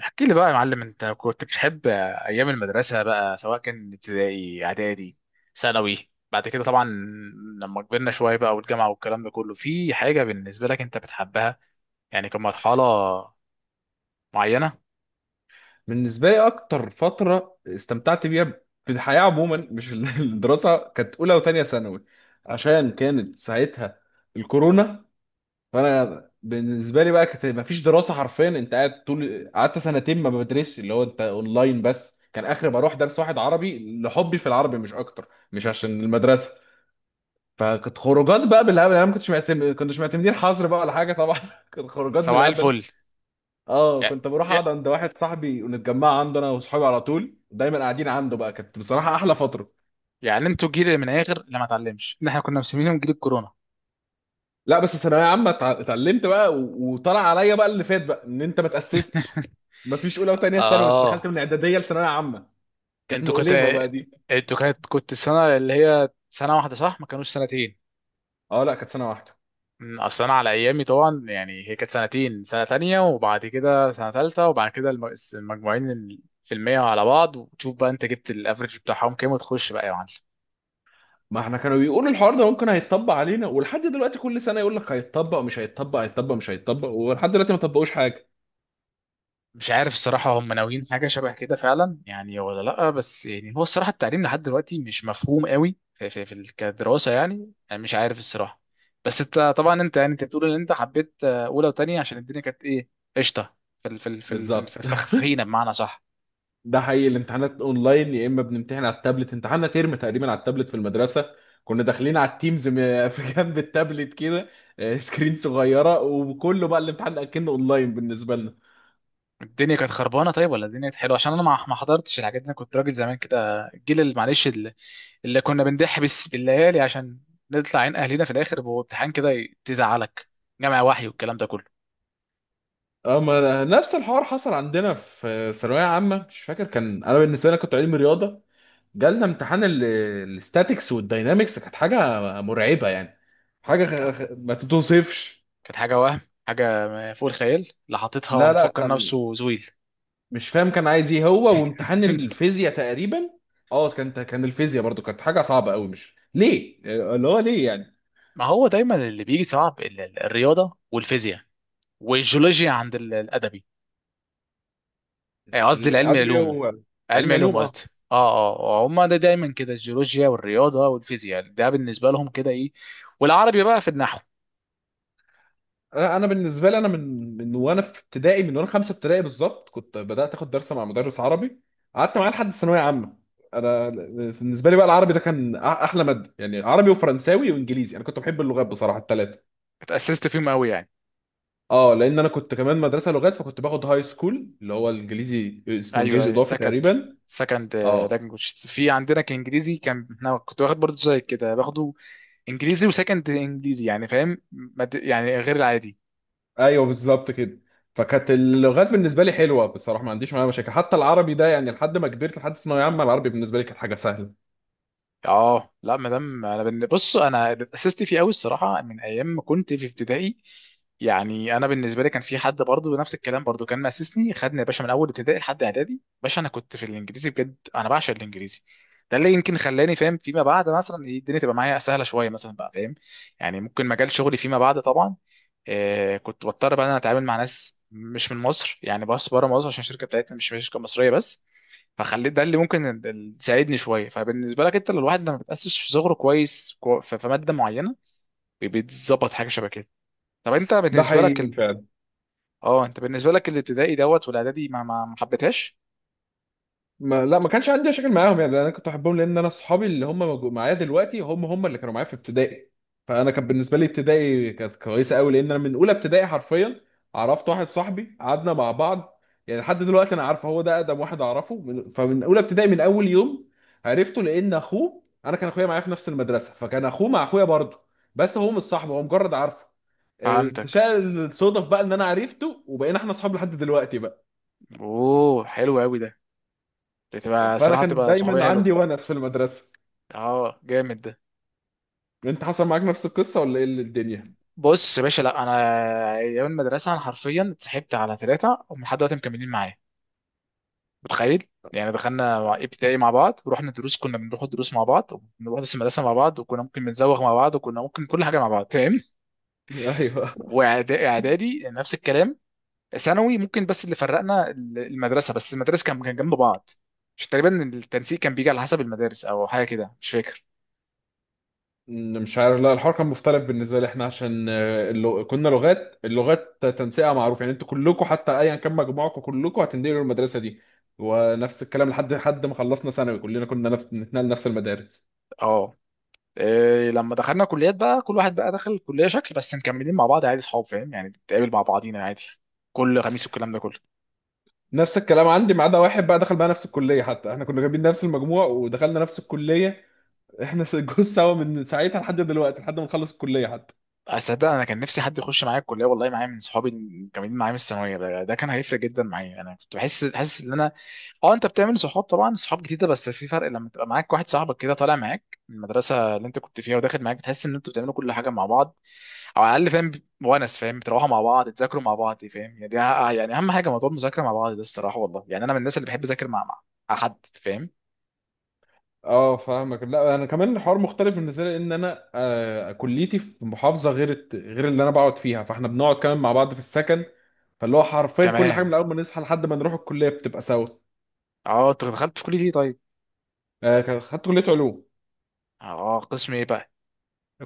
احكي لي بقى يا معلم، انت كنت بتحب ايام المدرسه بقى، سواء كان ابتدائي، اعدادي، ثانوي؟ بعد كده طبعا لما كبرنا شويه بقى والجامعه والكلام ده كله، في حاجه بالنسبه لك انت بتحبها يعني كمرحله معينه؟ بالنسبة لي أكتر فترة استمتعت بيها في الحياة عموما، مش الدراسة، كانت أولى وتانية ثانوي، عشان كانت ساعتها الكورونا. فأنا بالنسبة لي بقى كانت مفيش دراسة حرفيا، أنت قاعد طول، قعدت سنتين ما بدرسش، اللي هو أنت أونلاين بس، كان آخر بروح درس واحد عربي لحبي في العربي مش أكتر، مش عشان المدرسة. فكانت خروجات بقى بالهبل، أنا ما كنتش معتمد، كنتش معتمدين حظر بقى ولا حاجة طبعا. كانت خروجات سواء بالهبل. الفل. اه، يع- كنت بروح يع- اقعد عند واحد صاحبي ونتجمع عنده انا وصحابي، على طول دايما قاعدين عنده بقى. كانت بصراحه احلى فتره. يعني انتوا جيل من الاخر اللي ما اتعلمش، ان احنا كنا مسمينهم جيل الكورونا. لا، بس الثانويه عامه اتعلمت بقى وطلع عليا بقى اللي فات بقى، ان انت ما تاسستش، ما فيش اولى وثانيه ثانوي، انت دخلت اه، من اعداديه لثانويه عامه. كانت انتوا كنت مؤلمه بقى دي. انتوا كانت كنت السنه اللي هي سنه واحده صح؟ ما كانوش سنتين؟ اه، لا كانت سنه واحده. اصل انا على ايامي طبعا يعني هي كانت سنتين، سنه تانية وبعد كده سنه تالتة، وبعد كده المجموعين في المية على بعض، وتشوف بقى انت جبت الافريج بتاعهم كام وتخش بقى يا معلم. ما احنا كانوا بيقولوا الحوار ده ممكن هيتطبق علينا، ولحد دلوقتي كل سنه يقول لك هيتطبق مش هيتطبق، هيتطبق مش هيتطبق، ولحد دلوقتي ما طبقوش حاجه. مش عارف الصراحه هم ناويين حاجه شبه كده فعلا يعني ولا لا، بس يعني هو الصراحه التعليم لحد دلوقتي مش مفهوم قوي في كدراسه يعني، انا مش عارف الصراحه. بس انت طبعا، انت بتقول ان انت حبيت اولى وتانية عشان الدنيا كانت ايه؟ قشطه؟ في ال- في ال- في ال- في ال- في بالظبط. الفخ- فخينه بمعنى صح؟ ده حقيقي، الامتحانات اونلاين، يا اما بنمتحن على التابلت، امتحاننا ترم تقريبا على التابلت في المدرسه. كنا داخلين على التيمز في جنب التابلت كده. سكرين صغيره، وكله بقى الامتحان اكنه اونلاين بالنسبه لنا. الدنيا كانت خربانه طيب ولا الدنيا كانت حلوه؟ عشان انا ما حضرتش الحاجات دي، انا كنت راجل زمان كده، الجيل اللي معلش، اللي كنا بنضح بس بالليالي عشان نطلع عين اهلنا في الاخر بامتحان كده تزعلك جامع وحي والكلام ده كله. اما نفس الحوار حصل عندنا في ثانويه عامه، مش فاكر كان، انا بالنسبه لي كنت علمي رياضه، جالنا امتحان الاستاتيكس والداينامكس، كانت حاجه مرعبه يعني، حاجه كانت، ما تتوصفش. كانت حاجه وهم، حاجه فوق الخيال، اللي حاططها لا لا، مفكر كان نفسه زويل. مش فاهم كان عايز ايه هو، وامتحان الفيزياء تقريبا. اه كانت، كان الفيزياء برضو كانت حاجه صعبه قوي، مش ليه؟ اللي هو ليه يعني. ما هو دايما اللي بيجي صعب الرياضه والفيزياء والجيولوجيا عند الادبي، قصدي العلم، ادبي العلوم، هو علم علم علوم، علوم اه. قصدي. اه اه، هم ده دايما كده، الجيولوجيا والرياضه والفيزياء ده بالنسبه لهم كده ايه، والعربي بقى في النحو. انا بالنسبه لي، انا من وانا في ابتدائي، من وانا خمسه ابتدائي بالظبط كنت بدات اخد درس مع مدرس عربي، قعدت معاه لحد الثانويه عامه. انا بالنسبه لي بقى العربي ده كان احلى ماده، يعني عربي وفرنساوي وانجليزي، انا كنت بحب اللغات بصراحه الثلاثه. اتأسست فيهم قوي يعني؟ اه، لان انا كنت كمان مدرسه لغات، فكنت باخد هاي سكول اللي هو الانجليزي، اسمه ايوه، انجليزي اضافي سكند، تقريبا. سكند اه، لانجوج. في عندنا كانجليزي كان، انا كنت واخد برضه زي كده، باخده انجليزي وسكند انجليزي، يعني فاهم، يعني غير العادي. ايوه بالظبط كده. فكانت اللغات بالنسبه لي حلوه بصراحه، ما عنديش معاها مشاكل، حتى العربي ده يعني لحد ما كبرت، لحد ثانويه عامه العربي بالنسبه لي كانت حاجه سهله. اه، لا مدام انا بص انا اتأسست فيه قوي الصراحه من ايام ما كنت في ابتدائي، يعني انا بالنسبه لي كان في حد برضو نفس الكلام، برضو كان مأسسني، خدني يا باشا من اول ابتدائي لحد اعدادي باشا، انا كنت في الانجليزي بجد، انا بعشق الانجليزي. ده اللي يمكن خلاني فاهم فيما بعد، مثلا الدنيا تبقى معايا سهله شويه مثلا بقى، فاهم يعني؟ ممكن مجال شغلي فيما بعد طبعا، كنت بضطر بقى إن انا اتعامل مع ناس مش من مصر يعني، بس بره مصر عشان الشركه بتاعتنا مش شركه مصريه بس. فخليت ده اللي ممكن يساعدني شويه. فبالنسبه لك انت، لو الواحد لما بتاسس في صغره كويس، في في ماده معينه، بيتظبط حاجه شبه كده. طب انت ده بالنسبه لك حقيقي فعلا. اه انت بالنسبه لك الابتدائي دوت والاعدادي ما حبيتهاش؟ ما لا، ما كانش عندي مشاكل معاهم يعني، انا كنت بحبهم، لان انا صحابي اللي هم معايا دلوقتي، هم اللي كانوا معايا في ابتدائي. فانا كان بالنسبه لي ابتدائي كانت كويسه قوي، لان انا من اولى ابتدائي حرفيا عرفت واحد صاحبي قعدنا مع بعض، يعني لحد دلوقتي انا عارفه هو ده اقدم واحد اعرفه فمن اولى ابتدائي من اول يوم عرفته، لان اخوه انا كان اخويا معايا في نفس المدرسه، فكان اخوه مع اخويا برضه، بس هو مش صاحبه، هو مجرد عارفه. فهمتك. شاء الصدف بقى ان انا عرفته وبقينا احنا اصحاب لحد دلوقتي بقى. اوه، حلو قوي ده، بتبقى فانا صراحه كان بتبقى صحوبيه دايما حلوه. عندي ونس في المدرسه. اه جامد ده. انت حصل معاك نفس القصه ولا ايه اللي الدنيا؟ بص يا باشا، لا انا ايام المدرسه انا حرفيا اتصاحبت على ثلاثه، ومن لحد دلوقتي مكملين معايا، متخيل؟ يعني دخلنا ابتدائي مع بعض، ورحنا دروس كنا بنروح الدروس مع بعض، وبنروح درس المدرسه مع بعض، وكنا ممكن بنزوغ مع بعض، وكنا ممكن كل حاجه مع بعض، فاهم؟ ايوه. إعدادي نفس الكلام، ثانوي ممكن، بس اللي فرقنا المدرسه بس، المدارس كان جنب بعض. مش تقريبا التنسيق كان بيجي على حسب المدارس او حاجه كده، مش فاكر. مش عارف، لا الحوار كان مختلف بالنسبه لي، احنا عشان كنا لغات، اللغات تنسيقها معروف يعني، انتوا كلكم حتى ايا كان مجموعكم كلكم هتنقلوا المدرسه دي. ونفس الكلام لحد حد ما خلصنا ثانوي كلنا كنا نتنقل نفس المدارس. اه، إيه لما دخلنا كليات بقى كل واحد بقى دخل كليه شكل، بس مكملين مع بعض عادي صحاب، فاهم يعني، بنتقابل مع بعضينا عادي كل خميس والكلام ده كله. نفس الكلام عندي، ما عدا واحد بقى دخل بقى نفس الكليه، حتى احنا كنا جايبين نفس المجموع ودخلنا نفس الكليه. احنا جوز سوا من ساعتها لحد دلوقتي، لحد ما نخلص الكليه حتى. اصدق انا كان نفسي حد يخش معايا الكليه والله، معايا من صحابي اللي كانوا معايا من الثانويه، ده كان هيفرق جدا معايا، انا كنت بحس حاسس ان انا، اه انت بتعمل صحاب طبعا، صحاب جديده، بس في فرق لما تبقى معاك واحد صاحبك كده طالع معاك من المدرسه اللي انت كنت فيها وداخل معاك، بتحس ان انتوا بتعملوا كل حاجه مع بعض، او على الاقل فاهم، ونس، فاهم؟ بتروحوا مع بعض، تذاكروا مع بعض، فاهم يعني؟ دي يعني اهم حاجه، موضوع المذاكره مع بعض ده الصراحه والله، يعني انا من الناس اللي بحب اذاكر مع، مع حد، فاهم؟ اه فاهمك. لا انا كمان الحوار مختلف بالنسبه لي، ان انا آه كليتي في محافظه غير اللي انا بقعد فيها، فاحنا بنقعد كمان مع بعض في السكن. فاللي هو حرفيا كل حاجه كمان. من اول ما نصحى لحد ما نروح الكليه بتبقى سوا. اه، انت دخلت في كليه ايه طيب؟ آه خدت كليه علوم. اه، قسم ايه بقى؟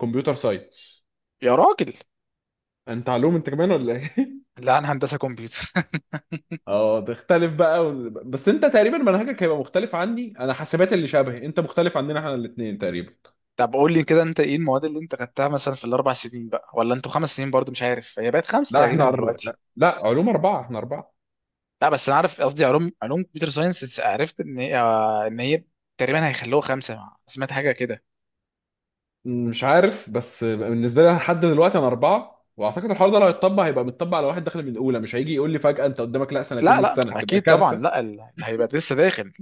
كمبيوتر ساينس. يا راجل، انت علوم انت كمان ولا ايه؟ لا انا هندسه كمبيوتر. اه تختلف بقى، بس انت تقريبا منهجك هيبقى مختلف عني، انا حاسبات اللي شبهي، انت مختلف عننا احنا الاثنين تقريبا. طب قول لي كده انت ايه المواد اللي انت خدتها مثلا في الاربع سنين بقى، ولا انتوا خمس سنين برضو؟ مش عارف، هي بقت خمسه لا تقريبا احنا أر... دلوقتي. لا، علوم اربعه، احنا اربعه. لا، بس انا عارف، قصدي علوم، علوم كمبيوتر ساينس، عرفت ان هي ان هي تقريبا هيخلوها خمسه، سمعت حاجه كده. مش عارف، بس بالنسبه لي أنا لحد دلوقتي انا اربعه، واعتقد الحوار ده لو هيتطبق هيبقى متطبق على واحد داخل من الاولى، مش هيجي يقول لي فجاه انت قدامك لا سنتين لا من لا، السنه، تبقى اكيد طبعا، كارثه. لا هيبقى لسه داخل.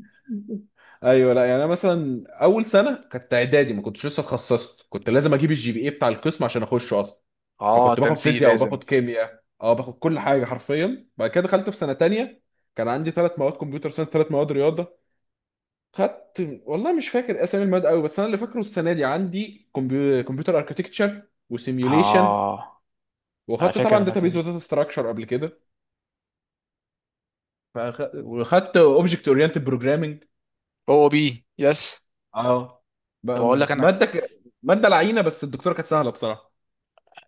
ايوه لا، يعني انا مثلا اول سنه كانت اعدادي ما كنتش لسه اتخصصت، كنت لازم اجيب الجي بي اي بتاع القسم عشان اخشه اصلا. اه، فكنت باخد تنسيق فيزياء لازم. وباخد كيمياء، اه باخد كل حاجه حرفيا. بعد كده دخلت في سنه تانية، كان عندي ثلاث مواد كمبيوتر ساينس، ثلاث مواد رياضه. خدت والله مش فاكر اسامي المواد قوي، بس انا اللي فاكره السنه دي عندي كمبيوتر اركتكتشر، وسيميوليشن. اه، انا وخدت فاكر طبعا الماده داتابيز دي. وداتا ستراكشر قبل كده. وخدت اوبجكت اورينتد بروجرامنج. او بي يس. اه، طب اقول لك انا، ماده ماده لعينه بس الدكتوره كانت سهله بصراحه.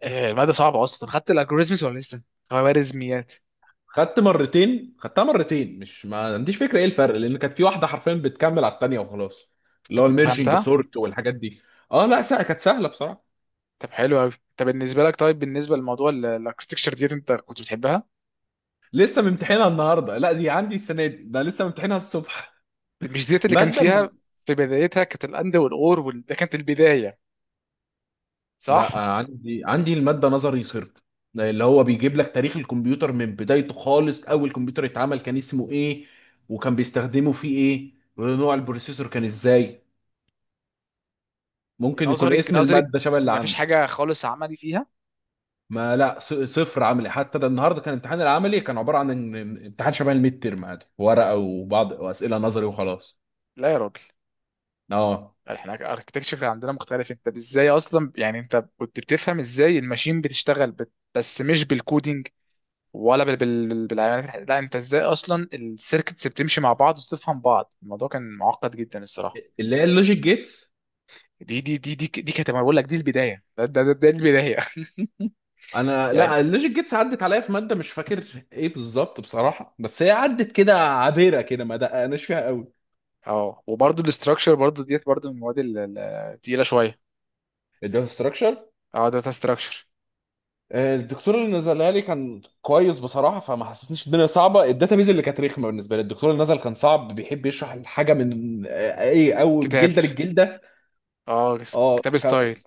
الماده صعبه اصلا، خدت الالجوريزمز ولا لسه؟ خوارزميات. خدت مرتين، خدتها مرتين، مش ما عنديش فكره ايه الفرق، لان كانت في واحده حرفيا بتكمل على التانيه وخلاص. انت اللي هو كنت الميرجنج فهمتها؟ سورت والحاجات دي. اه لا سهل، كانت سهله بصراحه. طب حلو قوي. طب بالنسبه لك، طيب بالنسبه لموضوع الاركتكتشر ديت، انت كنت بتحبها؟ لسه ممتحنها النهارده، لا دي عندي السنه دي، ده لسه ممتحنها الصبح. مش ديت اللي كان ماده فيها في بدايتها كانت الاند والاور ده كانت البدايه، لا، صح؟ عندي المادة نظري صرف، اللي هو بيجيب لك تاريخ الكمبيوتر من بدايته خالص، أول كمبيوتر اتعمل كان اسمه إيه، وكان بيستخدمه فيه إيه، ونوع البروسيسور كان إزاي. ممكن يكون نظري اسم نظري، المادة شبه اللي ما فيش حاجه عندك. خالص عملي فيها؟ ما لا، صفر عملي، حتى ده النهارده كان الامتحان العملي، كان عبارة عن امتحان شبه الميد تيرم عادي، ورقة وبعض وأسئلة نظري وخلاص. لا يا راجل، اه، احنا الاركتكتشر عندنا مختلف، انت ازاي اصلا يعني انت كنت بتفهم ازاي الماشين بتشتغل بس مش بالكودينج ولا بالعمليات لا انت ازاي اصلا السيركتس بتمشي مع بعض وتفهم بعض؟ الموضوع كان معقد جدا الصراحه. اللي هي اللوجيك جيتس. دي كانت، أنا بقول لك دي البدايه، ده البدايه. انا لا، يعني اللوجيك جيتس عدت عليا في ماده مش فاكر ايه بالظبط بصراحه، بس هي عدت كده عابره كده، ما دققناش فيها قوي. اه، وبرده الاستراكشر برده ديت برده من المواد التقيله شويه. الداتا ستراكشر، اه، داتا استراكشر. الدكتور اللي نزلها لي كان كويس بصراحه، فما حسسنيش الدنيا صعبه. الداتابيز اللي كانت رخمه بالنسبه لي، الدكتور اللي نزل كان صعب، بيحب يشرح الحاجه من آه، ايه او كتاب، جلده للجلده. اه، اه كتاب ك... ستايل.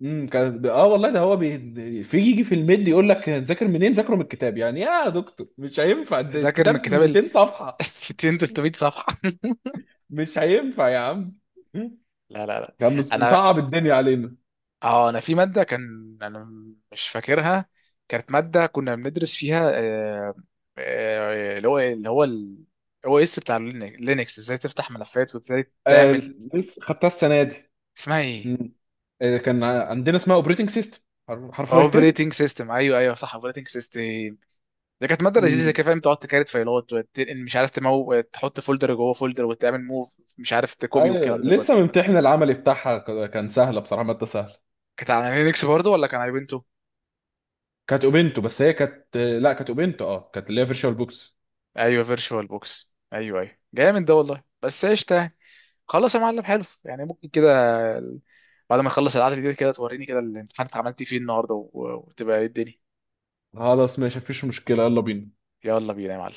كان اه والله، في يجي في الميد يقول لك ذاكر منين، ذاكره من الكتاب. يعني يا دكتور مش هينفع، ده ذاكر الكتاب من كتاب ال 200 صفحه. 200 300 صفحه. مش هينفع يا عم. لا لا لا. كان انا مصعب الدنيا علينا. اه، انا في ماده كان انا، مش فاكرها، كانت ماده كنا بندرس فيها اللي هو، اللي هو الاو اس بتاع لينكس، ازاي تفتح ملفات وازاي آه تعمل. لسه خدتها السنه دي. اسمها ايه؟ مم. آه كان عندنا اسمها اوبريتنج سيستم حرفيا. اوبريتنج سيستم، ايوه ايوه صح، اوبريتنج سيستم، ده كانت ماده لذيذه مم. كده، فاهم؟ تقعد تكارت فايلات وتنقل، مش عارف، تمو، تحط فولدر جوه فولدر وتعمل موف، مش عارف تكوبي ايوه، والكلام ده كله. لسه ممتحن العملي بتاعها، كان سهله بصراحه، ماده سهله. كانت على لينكس برضه ولا كان على بنتو؟ كانت اوبنتو، بس هي كانت آه، لا كانت اوبنتو، اه كانت اللي هي فيرتشوال بوكس. ايوه فيرتشوال بوكس، ايوه ايوه جامد ده والله، بس قشطه يعني. خلاص يا معلم، حلو، يعني ممكن كده بعد ما اخلص القعده دي كده توريني كده الامتحان عملت فيه النهارده، وتبقى إيه الدنيا. خلاص ماشي، مفيش مشكله، يلا بينا. يلا بينا يا معلم.